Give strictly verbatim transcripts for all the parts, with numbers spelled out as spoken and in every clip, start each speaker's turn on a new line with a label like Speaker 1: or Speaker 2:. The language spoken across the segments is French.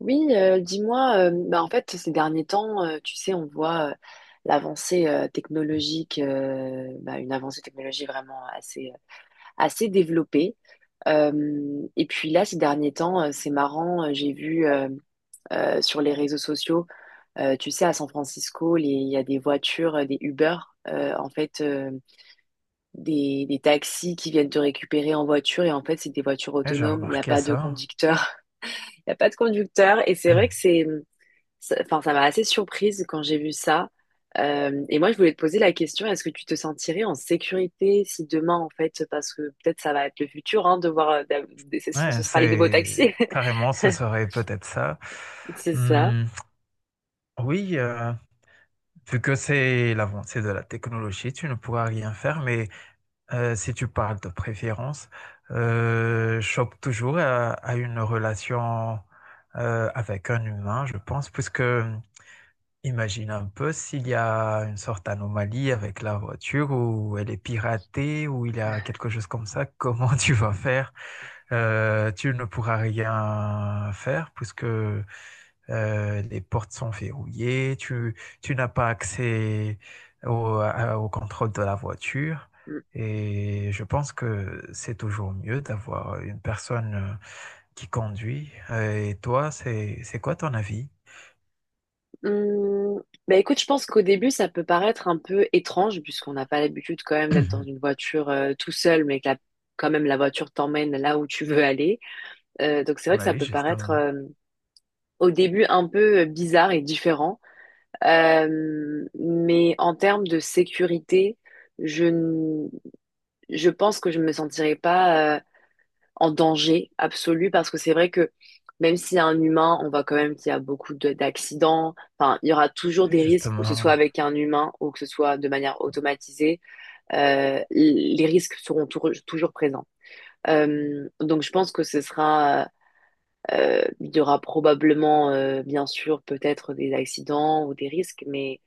Speaker 1: Oui, euh, dis-moi, euh, bah, en fait, ces derniers temps, euh, tu sais, on voit euh, l'avancée euh, technologique, euh, bah, une avancée technologique vraiment assez, assez développée. Euh, et puis là, ces derniers temps, euh, c'est marrant, euh, j'ai vu euh, euh, sur les réseaux sociaux, euh, tu sais, à San Francisco, les- il y a des voitures, euh, des Uber, euh, en fait, euh, des, des taxis qui viennent te récupérer en voiture. Et en fait, c'est des voitures
Speaker 2: Ouais, j'ai
Speaker 1: autonomes, il n'y a
Speaker 2: remarqué
Speaker 1: pas de
Speaker 2: ça.
Speaker 1: conducteur. Il n'y a pas de conducteur. Et c'est vrai que c'est... Ça- Enfin, ça m'a assez surprise quand j'ai vu ça. Euh, et moi, je voulais te poser la question, est-ce que tu te sentirais en sécurité si demain, en fait, parce que peut-être ça va être le futur, hein, de voir, euh, d'a- ce
Speaker 2: Ouais,
Speaker 1: ce sera les nouveaux taxis.
Speaker 2: c'est carrément, ce serait peut-être ça.
Speaker 1: C'est ça.
Speaker 2: Hum, oui, euh, vu que c'est l'avancée de la technologie, tu ne pourras rien faire, mais euh, si tu parles de préférence, euh, chope toujours à, à une relation euh, avec un humain, je pense, puisque imagine un peu s'il y a une sorte d'anomalie avec la voiture ou elle est piratée ou il y a quelque chose comme ça, comment tu vas faire? Euh, tu ne pourras rien faire puisque euh, les portes sont verrouillées, tu, tu n'as pas accès au, à- au contrôle de la voiture.
Speaker 1: Mm.
Speaker 2: Et je pense que c'est toujours mieux d'avoir une personne euh, qui conduit. Euh, Et toi, c'est, c'est quoi ton avis?
Speaker 1: Mm. Bah écoute, je pense qu'au début, ça peut paraître un peu étrange, puisqu'on n'a pas l'habitude quand même d'être dans une voiture euh, tout seul, mais que la- quand même la voiture t'emmène là où tu veux aller. Euh, donc c'est vrai que ça
Speaker 2: Oui,
Speaker 1: peut paraître
Speaker 2: justement.
Speaker 1: euh, au début un peu euh, bizarre et différent. Euh, mais en termes de sécurité, je, n- je pense que je ne me sentirais pas euh, en danger absolu parce que c'est vrai que même s'il y a un humain, on voit quand même qu'il y a beaucoup de- d'accidents. Enfin, il y aura toujours
Speaker 2: Oui,
Speaker 1: des risques, que ce soit
Speaker 2: justement.
Speaker 1: avec un humain ou que ce soit de manière automatisée. Euh, l- les risques seront tour- toujours présents. Euh, donc je pense que ce sera, euh, il y aura probablement, euh, bien sûr, peut-être des accidents ou des risques, mais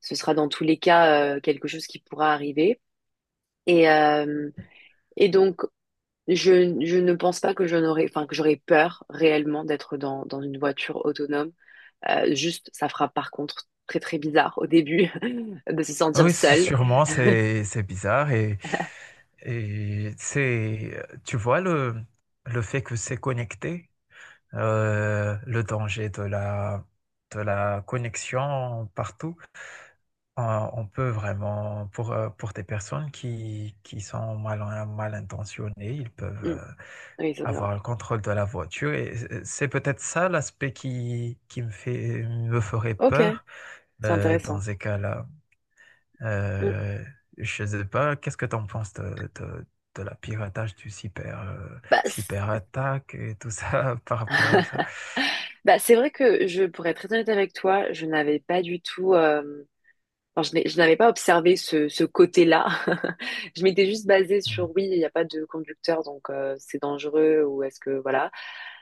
Speaker 1: ce sera dans tous les cas euh, quelque chose qui pourra arriver. Et, euh, et donc, je, je ne pense pas que je n'aurais, enfin, que j'aurais peur réellement d'être dans, dans une voiture autonome. Euh, juste, ça fera par contre très très bizarre au début de se sentir
Speaker 2: Oui, c-
Speaker 1: seule.
Speaker 2: sûrement, c'est c'est bizarre et, et c'est, tu vois, le, le fait que c'est connecté, euh, le danger de la, de la connexion partout, on, on peut vraiment, pour, euh, pour des personnes qui, qui sont mal, mal intentionnées, ils peuvent
Speaker 1: Mm.
Speaker 2: euh,
Speaker 1: Oui, ça, c'est vrai.
Speaker 2: avoir le contrôle de la voiture, et c'est c'est peut-être ça l'aspect qui, qui me fait, me ferait
Speaker 1: Ok,
Speaker 2: peur
Speaker 1: c'est
Speaker 2: euh, dans
Speaker 1: intéressant.
Speaker 2: ces cas-là.
Speaker 1: Mm.
Speaker 2: Euh, je sais pas, qu'est-ce que tu en penses de, de, de la piratage du cyber, euh,
Speaker 1: Bah, c'est
Speaker 2: cyberattaque et tout ça par rapport à ça?
Speaker 1: bah, c'est vrai que je, pourrais être très honnête avec toi, je n'avais pas du tout. euh, Alors, je n'ai- je n'avais pas observé ce, ce côté-là. Je m'étais juste basée
Speaker 2: Mm.
Speaker 1: sur oui, il n'y a pas de conducteur, donc euh, c'est dangereux ou est-ce que voilà.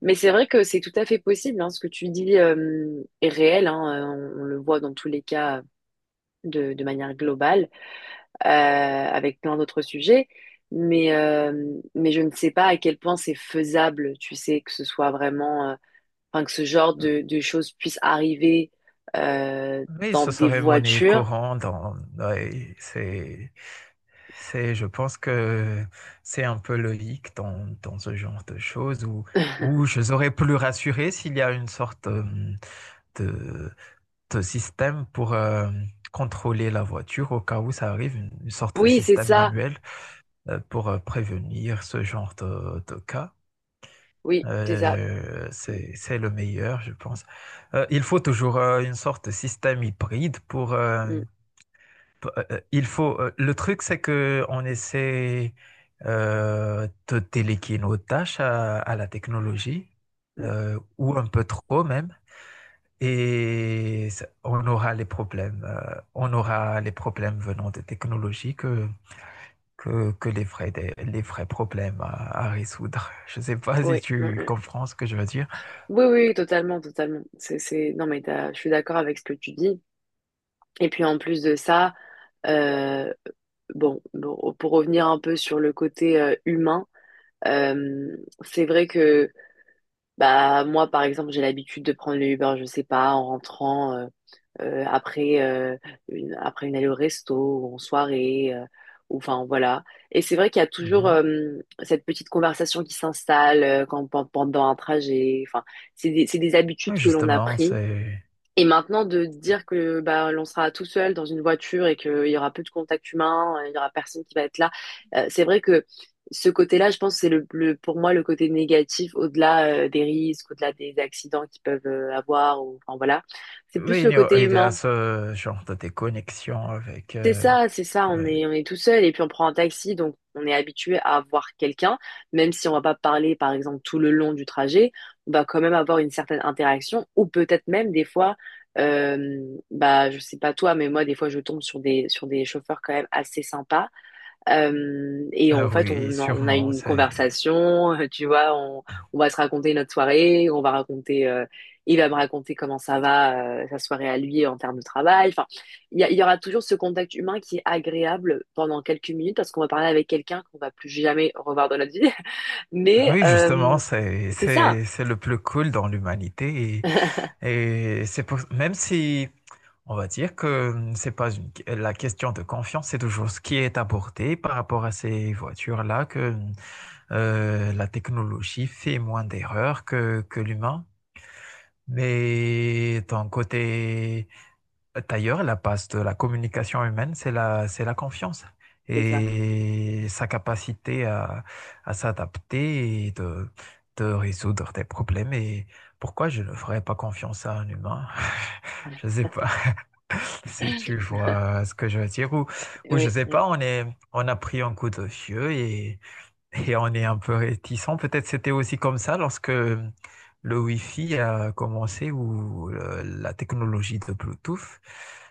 Speaker 1: Mais c'est vrai que c'est tout à fait possible, hein, ce que tu dis euh, est réel, hein. Euh, on, on le voit dans tous les cas de, de manière globale, euh, avec plein d'autres sujets. Mais euh, mais je ne sais pas à quel point c'est faisable. Tu sais que ce soit vraiment, euh, enfin que ce genre de, de choses puisse arriver euh,
Speaker 2: Oui,
Speaker 1: dans
Speaker 2: ce
Speaker 1: des
Speaker 2: serait monnaie
Speaker 1: voitures.
Speaker 2: courante. Dans- ouais, c'est, c'est, je pense que c'est un peu logique dans, dans ce genre de choses où, où je serais plus rassuré s'il y a une sorte euh, de, de système pour euh, contrôler la voiture au cas où ça arrive, une, une sorte de
Speaker 1: Oui, c'est
Speaker 2: système
Speaker 1: ça.
Speaker 2: manuel euh, pour euh, prévenir ce genre de, de cas.
Speaker 1: Oui, c'est ça.
Speaker 2: Euh,
Speaker 1: Mm,
Speaker 2: c'est, c'est le meilleur, je pense. Euh, il faut toujours euh, une sorte de système hybride pour... euh,
Speaker 1: mm,
Speaker 2: p- euh, euh, il faut, euh, le truc, c'est que on essaie euh, de déléguer nos tâches à, à la technologie,
Speaker 1: mm.
Speaker 2: euh, ou un peu trop même, et ça- on aura les problèmes. Euh, on aura les problèmes venant des technologies que que, que les vrais, dé- les vrais problèmes à, à résoudre. Je ne sais pas si
Speaker 1: Oui, mm,
Speaker 2: tu
Speaker 1: mm.
Speaker 2: comprends ce que je veux dire.
Speaker 1: Oui, oui, oui, totalement, totalement. C'est, c'est... Non, mais t'as- je suis d'accord avec ce que tu dis. Et puis en plus de ça, euh, bon, bon, pour revenir un peu sur le côté euh, humain, euh, c'est vrai que bah moi, par exemple, j'ai l'habitude de prendre le Uber, je sais pas, en rentrant. euh, après, euh, une, Après une allée au resto ou en soirée, euh, ou enfin voilà. Et c'est vrai qu'il y a toujours
Speaker 2: Mhm.
Speaker 1: euh, cette petite conversation qui s'installe euh, quand, pen- pendant un trajet. Enfin, c'est des, c'est des
Speaker 2: Oui,
Speaker 1: habitudes que l'on a
Speaker 2: justement,
Speaker 1: pris.
Speaker 2: c'est...
Speaker 1: Et maintenant, de dire que bah, l'on sera tout seul dans une voiture et qu'il y aura peu de contact humain, il y aura personne qui va être là, euh, c'est vrai que ce côté-là, je pense, c'est le, le- pour moi le côté négatif, au-delà euh, des risques, au-delà des accidents qu'ils peuvent euh, avoir, ou, enfin voilà. C'est plus
Speaker 2: Oui,
Speaker 1: le
Speaker 2: il y a,
Speaker 1: côté
Speaker 2: il y a
Speaker 1: humain.
Speaker 2: ce genre de déconnexion avec...
Speaker 1: c'est
Speaker 2: euh,
Speaker 1: ça, c'est ça, on
Speaker 2: ouais.
Speaker 1: est, On est tout seul et puis on prend un taxi, donc on est habitué à avoir quelqu'un, même si on va pas parler par exemple tout le long du trajet, on va quand même avoir une certaine interaction ou peut-être même des fois, euh, bah je sais pas toi, mais moi des fois je tombe sur des, sur des chauffeurs quand même assez sympas euh, et
Speaker 2: Ah
Speaker 1: en fait,
Speaker 2: oui,
Speaker 1: on, a- on a
Speaker 2: sûrement,
Speaker 1: une
Speaker 2: c'est...
Speaker 1: conversation, tu vois, on, on va se raconter notre soirée, on va raconter, euh, il va me raconter comment ça va, euh, sa soirée à lui en termes de travail. Enfin, il y, a- il y aura toujours ce contact humain qui est agréable pendant quelques minutes parce qu'on va parler avec quelqu'un qu'on va plus jamais revoir dans notre vie. Mais
Speaker 2: Oui,
Speaker 1: euh,
Speaker 2: justement, c'est,
Speaker 1: c'est ça,
Speaker 2: c'est, c'est le plus cool dans l'humanité. Et, et c'est pour, même si on va dire que c'est pas une- la question de confiance, c'est toujours ce qui est abordé par rapport à ces voitures-là que Euh, la technologie fait moins d'erreurs que, que l'humain. Mais d'un côté, d'ailleurs, la base de la communication humaine, c'est la, c'est la confiance
Speaker 1: c'est ça.
Speaker 2: et sa capacité à, à s'adapter et de, de résoudre des problèmes. Et pourquoi je ne ferais pas confiance à un humain? Je sais pas si tu vois ce que je veux dire. Ou, ou je
Speaker 1: Oui,
Speaker 2: sais
Speaker 1: oui,
Speaker 2: pas, on est, on a pris un coup de vieux et et on est un peu réticent. Peut-être c'était aussi comme ça lorsque le Wi-Fi a commencé ou euh, la technologie de Bluetooth.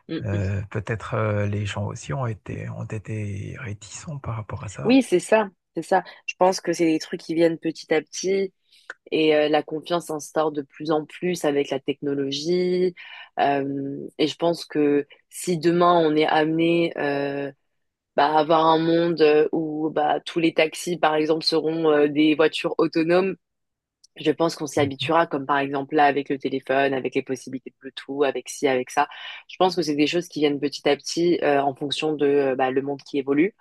Speaker 1: Mm, mm.
Speaker 2: Euh, peut-être euh, les gens aussi ont été, ont été réticents par rapport à ça.
Speaker 1: Oui, c'est ça, c'est ça. Je pense que c'est des trucs qui viennent petit à petit. Et euh, la confiance s'instaure de plus en plus avec la technologie. Euh, et je pense que si demain on est amené euh, bah, à avoir un monde euh, où bah, tous les taxis, par exemple, seront euh, des voitures autonomes, je pense qu'on s'y
Speaker 2: Mhm,
Speaker 1: habituera, comme par exemple là avec le téléphone, avec les possibilités de Bluetooth, avec ci, avec ça. Je pense que c'est des choses qui viennent petit à petit euh, en fonction de euh, bah, le monde qui évolue.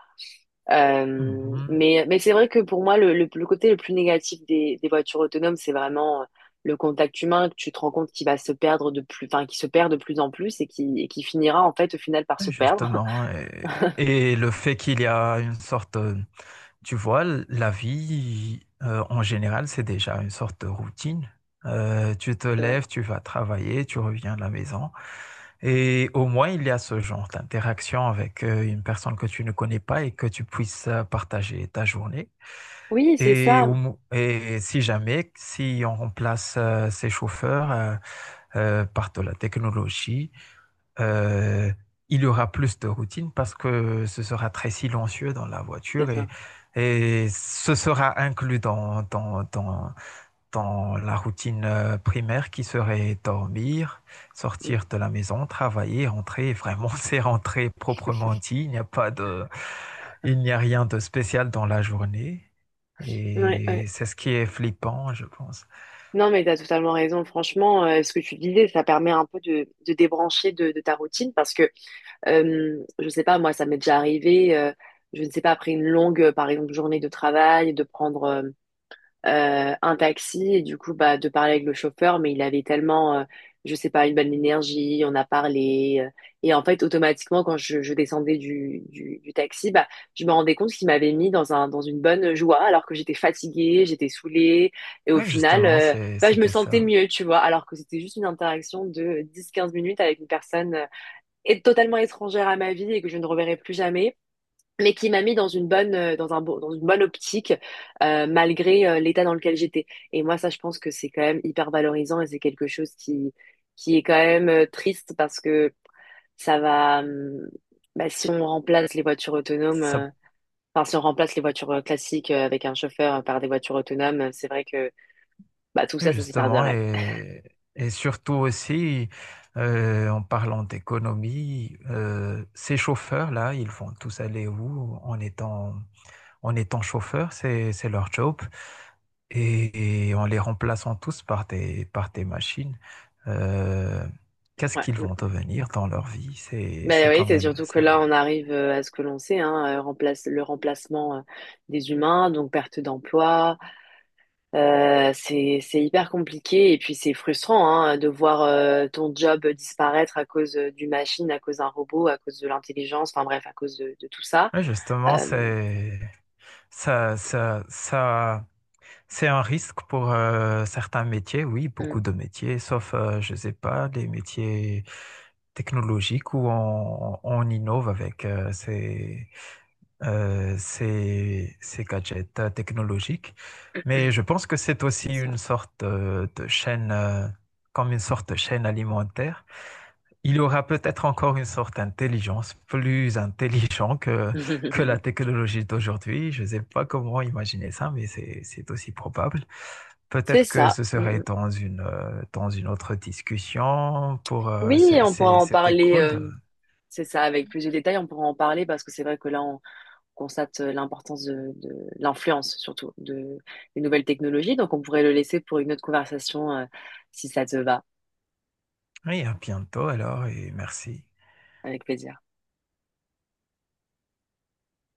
Speaker 1: Euh,
Speaker 2: mhm.
Speaker 1: mais mais c'est vrai que pour moi, le, le, le côté le plus négatif des, des voitures autonomes, c'est vraiment euh, le contact humain que tu te rends compte qui va se perdre de plus, enfin, qui se perd de plus en plus et qui, et qui finira en fait au final par se perdre.
Speaker 2: Justement. Et, et le fait qu'il y a une sorte euh, tu vois, l- la vie, euh, en général, c'est déjà une sorte de routine. Euh, tu te
Speaker 1: C'est vrai.
Speaker 2: lèves, tu vas travailler, tu reviens à la maison. Et au moins, il y a ce genre d'interaction avec euh, une personne que tu ne connais pas et que tu puisses euh, partager ta journée.
Speaker 1: Oui, c'est
Speaker 2: Et,
Speaker 1: ça.
Speaker 2: au mo- et si jamais, si on remplace euh, ces chauffeurs euh, euh, par de la technologie, euh, il y aura plus de routine parce que ce sera très silencieux dans la
Speaker 1: C'est
Speaker 2: voiture, et,
Speaker 1: ça.
Speaker 2: et ce sera inclus dans, dans, dans, dans la routine euh, primaire qui serait dormir,
Speaker 1: Mm.
Speaker 2: sortir de la maison, travailler, rentrer. Vraiment, c'est rentrer proprement dit. Il n'y a pas de, il n'y a rien de spécial dans la journée.
Speaker 1: Ouais,
Speaker 2: Et
Speaker 1: ouais.
Speaker 2: c'est ce qui est flippant, je pense.
Speaker 1: Non, mais tu as totalement raison. Franchement, euh, ce que tu disais, ça permet un peu de, de débrancher de, de ta routine parce que, euh, je sais pas, moi, ça m'est déjà arrivé, euh, je ne sais pas, après une longue, euh, par exemple, journée de travail, de prendre euh, euh, un taxi et du coup bah de parler avec le chauffeur mais il avait tellement euh, je sais pas une bonne énergie, on a parlé euh, et en fait automatiquement quand je, je descendais du, du, du taxi bah je me rendais compte qu'il m'avait mis dans un dans une bonne joie alors que j'étais fatiguée, j'étais saoulée et au
Speaker 2: Oui,
Speaker 1: final
Speaker 2: justement,
Speaker 1: euh,
Speaker 2: c'est-
Speaker 1: bah je me
Speaker 2: c'était
Speaker 1: sentais
Speaker 2: ça.
Speaker 1: mieux tu vois alors que c'était juste une interaction de dix quinze minutes avec une personne euh, est- totalement étrangère à ma vie et que je ne reverrai plus jamais mais qui m'a mis dans une bonne euh, dans un bon- dans une bonne optique euh, malgré euh, l'état dans lequel j'étais. Et moi ça je pense que c'est quand même hyper valorisant et c'est quelque chose qui qui est quand même euh, triste parce que ça va hum, bah, si on remplace les voitures autonomes
Speaker 2: Ça
Speaker 1: euh, enfin si on remplace les voitures euh, classiques euh, avec un chauffeur euh, par des voitures autonomes, euh, c'est vrai que bah tout
Speaker 2: oui,
Speaker 1: ça ça
Speaker 2: justement,
Speaker 1: s'épargnerait.
Speaker 2: et, et surtout aussi, euh, en parlant d'économie, euh, ces chauffeurs-là, ils vont tous aller où en étant, en étant chauffeurs, c'est, c'est leur job, et, et en les remplaçant tous par des, par des machines, euh, qu'est-ce
Speaker 1: Ouais.
Speaker 2: qu'ils
Speaker 1: Mm.
Speaker 2: vont devenir dans leur vie? C'est,
Speaker 1: Mais
Speaker 2: c'est
Speaker 1: oui,
Speaker 2: quand
Speaker 1: c'est
Speaker 2: même
Speaker 1: surtout que là
Speaker 2: ça.
Speaker 1: on arrive euh, à ce que l'on sait hein, euh, remplace le remplacement euh, des humains, donc perte d'emploi. Euh, c'est, c'est hyper compliqué et puis c'est frustrant, hein, de voir euh, ton job disparaître à cause euh, d'une machine, à cause d'un robot, à cause de l'intelligence, enfin bref, à cause de, de tout ça.
Speaker 2: Oui, justement,
Speaker 1: Euh,
Speaker 2: c'est, ça, ça, ça. C'est un risque pour euh, certains métiers, oui,
Speaker 1: mm,
Speaker 2: beaucoup de métiers, sauf, euh, je ne sais pas, les métiers technologiques où on, on innove avec euh, ces, euh, ces, ces gadgets euh, technologiques. Mais je pense que c'est
Speaker 1: c'est
Speaker 2: aussi
Speaker 1: ça.
Speaker 2: une sorte euh, de chaîne, euh, comme une sorte de chaîne alimentaire. Il aura peut-être encore une sorte d'intelligence plus intelligente que, que la technologie d'aujourd'hui. Je ne sais pas comment imaginer ça, mais c'est, c'est aussi probable.
Speaker 1: C'est
Speaker 2: Peut-être que
Speaker 1: ça.
Speaker 2: ce serait
Speaker 1: Mm, mm.
Speaker 2: dans une, euh, dans une autre discussion pour, euh,
Speaker 1: Oui,
Speaker 2: c'est-
Speaker 1: on pourra
Speaker 2: c'est-
Speaker 1: en
Speaker 2: c'était
Speaker 1: parler,
Speaker 2: cool. De-
Speaker 1: euh, c'est ça, avec plus de détails, on pourra en parler parce que c'est vrai que là, on constate euh, l'importance de, de l'influence surtout de, des nouvelles technologies, donc on pourrait le laisser pour une autre conversation euh, si ça te va,
Speaker 2: oui, à bientôt alors et merci.
Speaker 1: avec plaisir.